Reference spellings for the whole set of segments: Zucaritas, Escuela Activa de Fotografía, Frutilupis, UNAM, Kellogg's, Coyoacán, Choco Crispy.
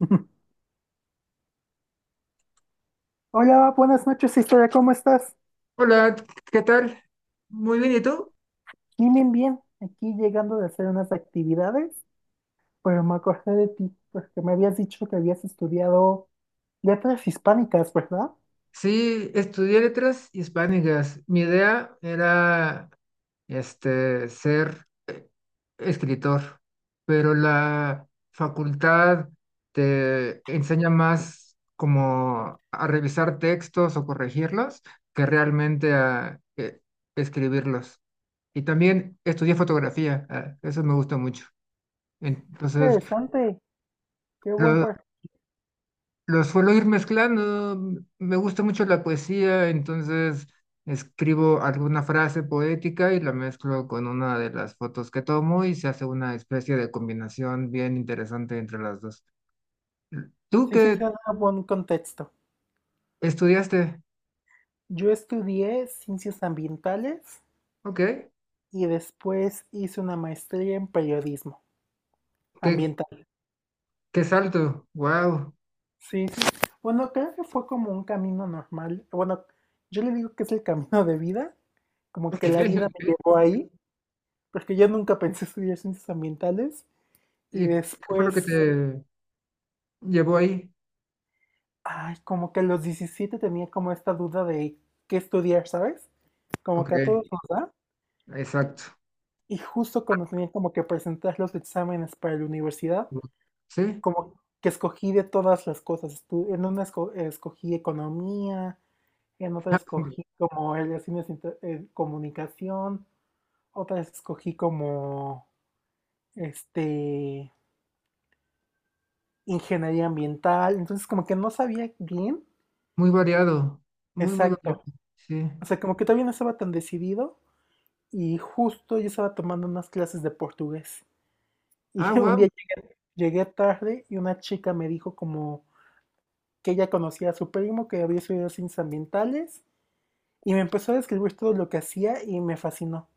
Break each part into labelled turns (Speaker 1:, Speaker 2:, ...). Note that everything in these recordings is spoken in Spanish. Speaker 1: Hola, buenas noches, historia, ¿cómo estás?
Speaker 2: Hola, ¿qué tal? Muy bien, ¿y tú?
Speaker 1: Bien, bien, bien. Aquí llegando de hacer unas actividades, pero me acordé de ti, porque me habías dicho que habías estudiado letras hispánicas, ¿verdad?
Speaker 2: Sí, estudié letras hispánicas. Mi idea era ser escritor, pero la facultad te enseña más como a revisar textos o corregirlos que realmente a escribirlos. Y también estudié fotografía, ah, eso me gusta mucho. Entonces,
Speaker 1: Interesante, qué buen
Speaker 2: lo-
Speaker 1: par.
Speaker 2: los suelo ir mezclando, me gusta mucho la poesía, entonces escribo alguna frase poética y la mezclo con una de las fotos que tomo y se hace una especie de combinación bien interesante entre las dos. ¿Tú
Speaker 1: Sí, sí,
Speaker 2: qué
Speaker 1: se da buen contexto.
Speaker 2: estudiaste?
Speaker 1: Yo estudié ciencias ambientales
Speaker 2: Ok,
Speaker 1: y después hice una maestría en periodismo
Speaker 2: qué,
Speaker 1: ambiental.
Speaker 2: qué salto, wow.
Speaker 1: Sí, sí. Bueno, creo que fue como un camino normal. Bueno, yo le digo que es el camino de vida, como que la
Speaker 2: Ok,
Speaker 1: vida
Speaker 2: ok.
Speaker 1: me llevó ahí, porque yo nunca pensé estudiar ciencias ambientales y
Speaker 2: ¿Y qué fue lo que
Speaker 1: después,
Speaker 2: te llevó ahí?
Speaker 1: ay, como que a los 17 tenía como esta duda de qué estudiar, ¿sabes? Como
Speaker 2: Ok,
Speaker 1: que a todos nos da.
Speaker 2: exacto.
Speaker 1: Y justo cuando tenía como que presentar los exámenes para la universidad,
Speaker 2: Sí,
Speaker 1: como que escogí de todas las cosas. En una escogí economía. En otra escogí como relaciones comunicación. Otra escogí como este ingeniería ambiental, entonces como que no sabía bien,
Speaker 2: muy variado, muy, muy variado.
Speaker 1: exacto.
Speaker 2: Sí.
Speaker 1: O sea, como que todavía no estaba tan decidido y justo yo estaba tomando unas clases de portugués y
Speaker 2: Ah,
Speaker 1: un
Speaker 2: wow.
Speaker 1: día llegué tarde y una chica me dijo como que ella conocía a su primo que había estudiado ciencias ambientales y me empezó a describir todo lo que hacía y me fascinó.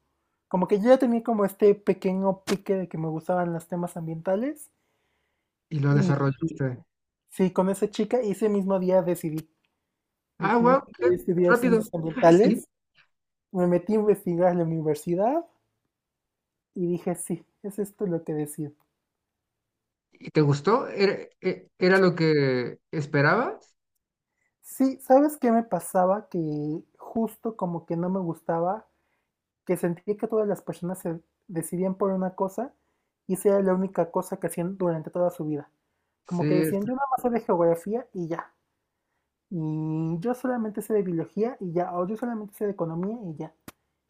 Speaker 1: Como que yo ya tenía como este pequeño pique de que me gustaban los temas ambientales
Speaker 2: Y lo
Speaker 1: y y
Speaker 2: desarrollaste.
Speaker 1: sí, con esa chica y ese mismo día decidí,
Speaker 2: Ah,
Speaker 1: decidí
Speaker 2: wow,
Speaker 1: que
Speaker 2: qué
Speaker 1: quería estudiar
Speaker 2: rápido.
Speaker 1: ciencias
Speaker 2: Sí.
Speaker 1: ambientales, me metí a investigar en la universidad y dije, sí, es esto lo que decido.
Speaker 2: ¿Y te gustó? ¿Era, era lo que esperabas?
Speaker 1: Sí, ¿sabes qué me pasaba? Que justo como que no me gustaba, que sentía que todas las personas se decidían por una cosa y esa era la única cosa que hacían durante toda su vida.
Speaker 2: Sí,
Speaker 1: Como que
Speaker 2: es-
Speaker 1: decían, yo nada más sé de geografía y ya. Y yo solamente sé de biología y ya. O yo solamente sé de economía y ya.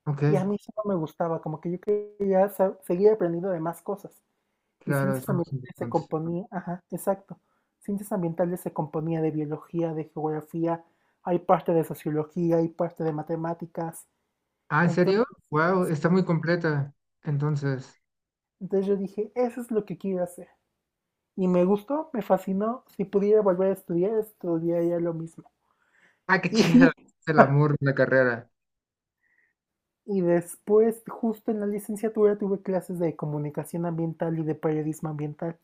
Speaker 2: ok,
Speaker 1: Y a mí eso no me gustaba, como que yo quería seguir aprendiendo de más cosas. Y
Speaker 2: claro,
Speaker 1: ciencias
Speaker 2: eso más
Speaker 1: ambientales se
Speaker 2: importante.
Speaker 1: componía, ajá, exacto. Ciencias ambientales se componía de biología, de geografía, hay parte de sociología, hay parte de matemáticas.
Speaker 2: Ah, ¿en
Speaker 1: Entonces,
Speaker 2: serio? Wow, está
Speaker 1: sí.
Speaker 2: muy completa. Entonces,
Speaker 1: Entonces yo dije, eso es lo que quiero hacer. Y me gustó, me fascinó. Si pudiera volver a estudiar, estudiaría lo mismo.
Speaker 2: ah, qué chido.
Speaker 1: Y,
Speaker 2: Es el amor de la carrera.
Speaker 1: y después, justo en la licenciatura, tuve clases de comunicación ambiental y de periodismo ambiental.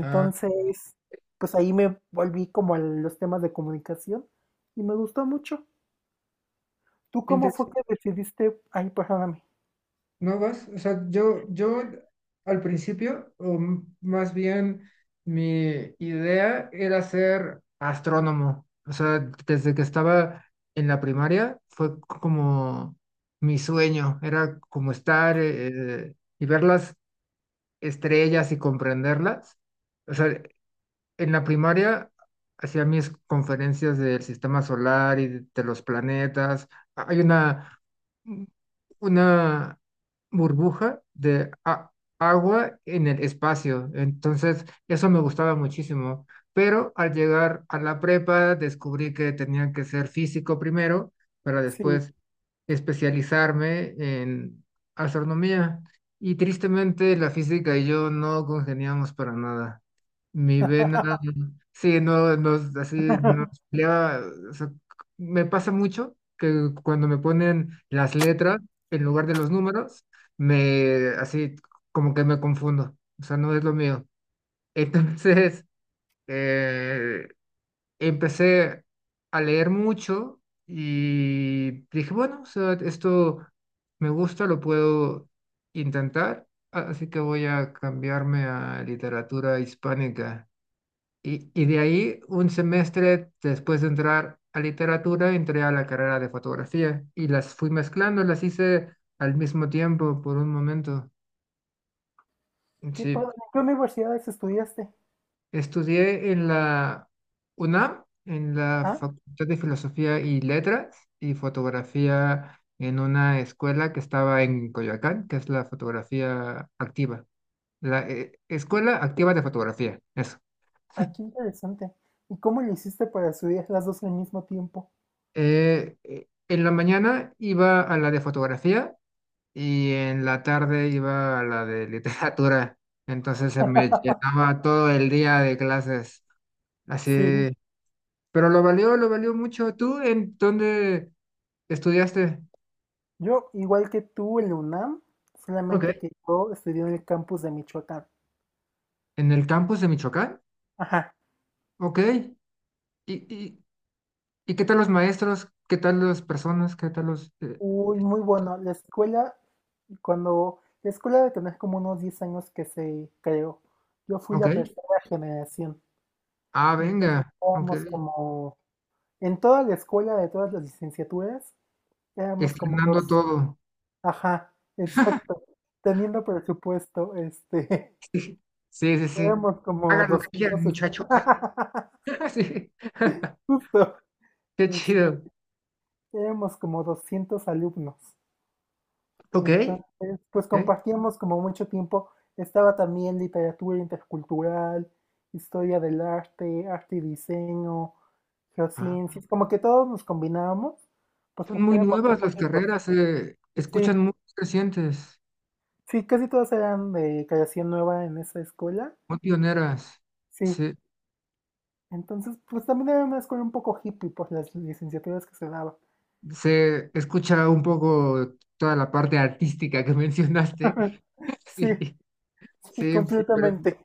Speaker 2: Ah,
Speaker 1: pues ahí me volví como a los temas de comunicación y me gustó mucho. ¿Tú cómo fue que decidiste? Ay, perdóname.
Speaker 2: no vas, o sea, yo al principio, o más bien mi idea era ser astrónomo. O sea, desde que estaba en la primaria fue como mi sueño, era como estar y ver las estrellas y comprenderlas. O sea, en la primaria hacía mis conferencias del sistema solar y de los planetas. Hay una burbuja de agua en el espacio. Entonces, eso me gustaba muchísimo. Pero al llegar a la prepa, descubrí que tenía que ser físico primero para
Speaker 1: Sí.
Speaker 2: después especializarme en astronomía. Y tristemente, la física y yo no congeniamos para nada. Mi vena, sí, no, no, es así, no, es pelea, o sea, c- me pasa mucho que cuando me ponen las letras en lugar de los números, me, así, como que me confundo, o sea, no es lo mío. Entonces, eh, empecé a leer mucho y dije, bueno, o sea, esto me gusta, lo puedo intentar, así que voy a cambiarme a literatura hispánica. Y de ahí, un semestre después de entrar a literatura, entré a la carrera de fotografía y las fui mezclando, las hice al mismo tiempo por un momento.
Speaker 1: Qué padre.
Speaker 2: Sí,
Speaker 1: ¿En ¿Qué universidades estudiaste?
Speaker 2: estudié en la UNAM, en la
Speaker 1: Ajá.
Speaker 2: Facultad de Filosofía y Letras y fotografía en una escuela que estaba en Coyoacán, que es la fotografía activa, la Escuela Activa de Fotografía, eso.
Speaker 1: Ay, qué interesante. ¿Y cómo le hiciste para estudiar las dos al mismo tiempo?
Speaker 2: En la mañana iba a la de fotografía y en la tarde iba a la de literatura. Entonces se me llenaba todo el día de clases.
Speaker 1: Sí,
Speaker 2: Así, pero lo valió mucho. ¿Tú en dónde estudiaste?
Speaker 1: yo igual que tú en la UNAM,
Speaker 2: Ok.
Speaker 1: solamente que yo estudié en el campus de Michoacán.
Speaker 2: ¿En el campus de Michoacán?
Speaker 1: Ajá.
Speaker 2: Ok. Y, y qué tal los maestros? ¿Qué tal las personas? ¿Qué tal los...?
Speaker 1: Uy, muy bueno. La escuela, cuando la escuela de tener como unos 10 años que se creó, yo fui
Speaker 2: Ok.
Speaker 1: la tercera generación.
Speaker 2: Ah,
Speaker 1: Entonces
Speaker 2: venga. Ok.
Speaker 1: éramos como, en toda la escuela de todas las licenciaturas, éramos como
Speaker 2: Estrenando
Speaker 1: dos.
Speaker 2: todo.
Speaker 1: Ajá, exacto. Teniendo presupuesto.
Speaker 2: Sí, sí, sí.
Speaker 1: Tenemos como
Speaker 2: Hagan lo que quieran,
Speaker 1: 200
Speaker 2: muchachos. Sí.
Speaker 1: justo,
Speaker 2: Qué
Speaker 1: es-
Speaker 2: chido.
Speaker 1: éramos como 200 alumnos.
Speaker 2: Ok.
Speaker 1: Entonces, pues
Speaker 2: Ok.
Speaker 1: compartíamos como mucho tiempo. Estaba también literatura intercultural, historia del arte, arte y diseño,
Speaker 2: Ah,
Speaker 1: geociencias, como que todos nos combinábamos, pues
Speaker 2: son
Speaker 1: porque
Speaker 2: muy
Speaker 1: éramos muy
Speaker 2: nuevas las
Speaker 1: poquitos.
Speaker 2: carreras, se
Speaker 1: Sí,
Speaker 2: escuchan muy recientes,
Speaker 1: sí, casi todos eran de creación nueva en esa escuela.
Speaker 2: muy pioneras.
Speaker 1: Sí,
Speaker 2: Se,
Speaker 1: entonces, pues también era una escuela un poco hippie por las licenciaturas que se daban.
Speaker 2: se escucha un poco toda la parte artística que mencionaste.
Speaker 1: Sí.
Speaker 2: Sí,
Speaker 1: Sí,
Speaker 2: sí, pero
Speaker 1: completamente.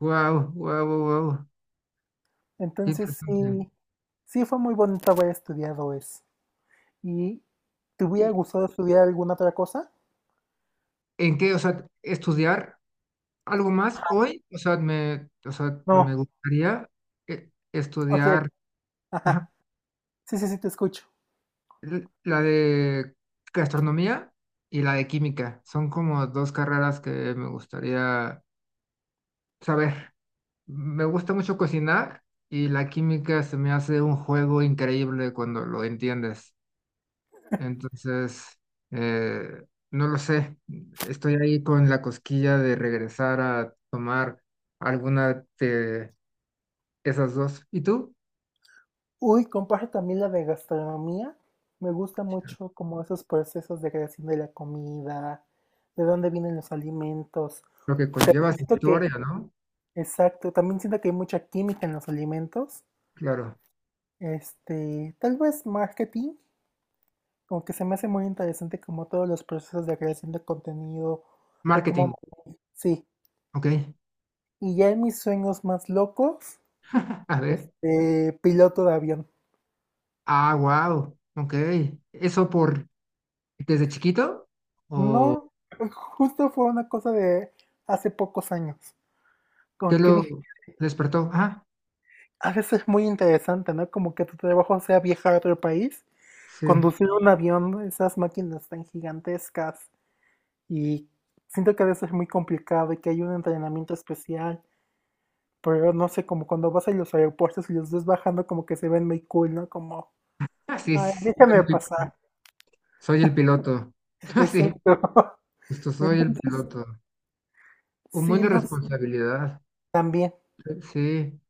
Speaker 2: wow, wow, wow, qué
Speaker 1: Entonces
Speaker 2: interesante.
Speaker 1: sí, sí fue muy bonito haber estudiado eso. ¿Y te hubiera
Speaker 2: ¿Y
Speaker 1: gustado estudiar alguna otra cosa?
Speaker 2: en qué, o sea, estudiar algo más hoy? O sea, me
Speaker 1: No,
Speaker 2: gustaría
Speaker 1: o sea,
Speaker 2: estudiar. Ajá.
Speaker 1: ajá, sí, sí, sí, te escucho.
Speaker 2: La de gastronomía y la de química. Son como dos carreras que me gustaría saber. Me gusta mucho cocinar y la química se me hace un juego increíble cuando lo entiendes. Entonces, eh, no lo sé. Estoy ahí con la cosquilla de regresar a tomar alguna de esas dos. ¿Y tú?
Speaker 1: Uy, comparto también la de gastronomía. Me gusta mucho como esos procesos de creación de la comida, de dónde vienen los alimentos.
Speaker 2: Lo que
Speaker 1: También
Speaker 2: conlleva su
Speaker 1: siento que,
Speaker 2: historia, ¿no?
Speaker 1: exacto, también siento que hay mucha química en los alimentos.
Speaker 2: Claro.
Speaker 1: Tal vez marketing. Como que se me hace muy interesante como todos los procesos de creación de contenido, de
Speaker 2: Marketing.
Speaker 1: cómo... Sí,
Speaker 2: Ok.
Speaker 1: y ya en mis sueños más locos,
Speaker 2: A ver.
Speaker 1: piloto de avión.
Speaker 2: Ah, wow, ok. ¿Eso por desde chiquito? ¿O
Speaker 1: No, pues, justo fue una cosa de hace pocos años.
Speaker 2: qué
Speaker 1: Como que
Speaker 2: lo
Speaker 1: dije,
Speaker 2: despertó? Ah,
Speaker 1: a veces es muy interesante, ¿no? Como que tu trabajo sea viajar a otro país,
Speaker 2: sí.
Speaker 1: conducir un avión, esas máquinas tan gigantescas. Y siento que a veces es muy complicado y que hay un entrenamiento especial. Pero no sé, como cuando vas a los aeropuertos y los ves bajando, como que se ven muy cool, ¿no? Como,
Speaker 2: Ah, sí,
Speaker 1: ay,
Speaker 2: sí,
Speaker 1: déjame
Speaker 2: soy
Speaker 1: pasar.
Speaker 2: soy el piloto. Ah, sí,
Speaker 1: Exacto.
Speaker 2: justo soy el
Speaker 1: Entonces,
Speaker 2: piloto. Un buen
Speaker 1: sí,
Speaker 2: de responsabilidad.
Speaker 1: también,
Speaker 2: Sí,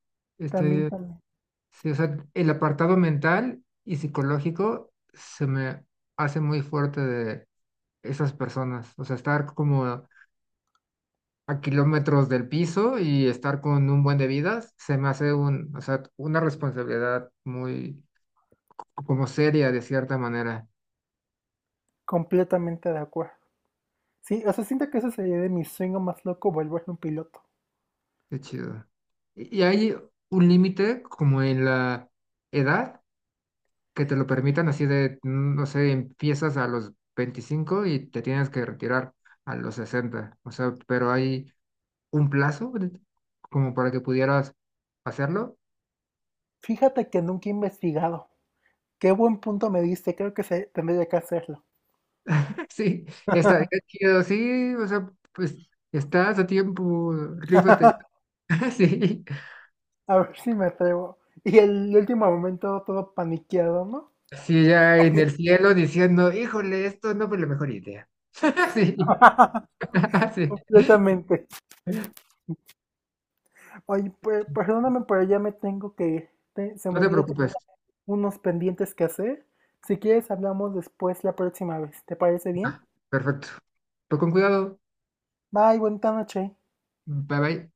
Speaker 1: también,
Speaker 2: estoy,
Speaker 1: también.
Speaker 2: sí, o sea, el apartado mental y psicológico se me hace muy fuerte de esas personas. O sea, estar como a kilómetros del piso y estar con un buen de vidas, se me hace un, o sea, una responsabilidad muy como seria de cierta manera.
Speaker 1: Completamente de acuerdo. Sí, o sea, siento que eso sería de mi sueño más loco, volverme un piloto.
Speaker 2: Qué chido. ¿Y hay un límite como en la edad que te lo permitan así de, mm, no sé, empiezas a los 25 y te tienes que retirar a los 60? O sea, pero hay un plazo como para que pudieras hacerlo.
Speaker 1: Fíjate que nunca he investigado. Qué buen punto me diste, creo que se, tendría que hacerlo.
Speaker 2: Sí, estaría chido, sí, o sea, pues estás a tiempo, rífate. Sí,
Speaker 1: A ver si me atrevo. Y el último momento todo paniqueado, ¿no?
Speaker 2: sí, ya en el cielo diciendo, híjole, esto no fue la mejor idea. Sí, sí,
Speaker 1: Completamente. Oye, perdóname, pero ya me tengo que ir. Se me
Speaker 2: no te
Speaker 1: olvidó que tenía
Speaker 2: preocupes.
Speaker 1: unos pendientes que hacer. Si quieres, hablamos después la próxima vez. ¿Te parece bien?
Speaker 2: Ah, perfecto. Pues con cuidado.
Speaker 1: Bye, buena noche.
Speaker 2: Bye bye.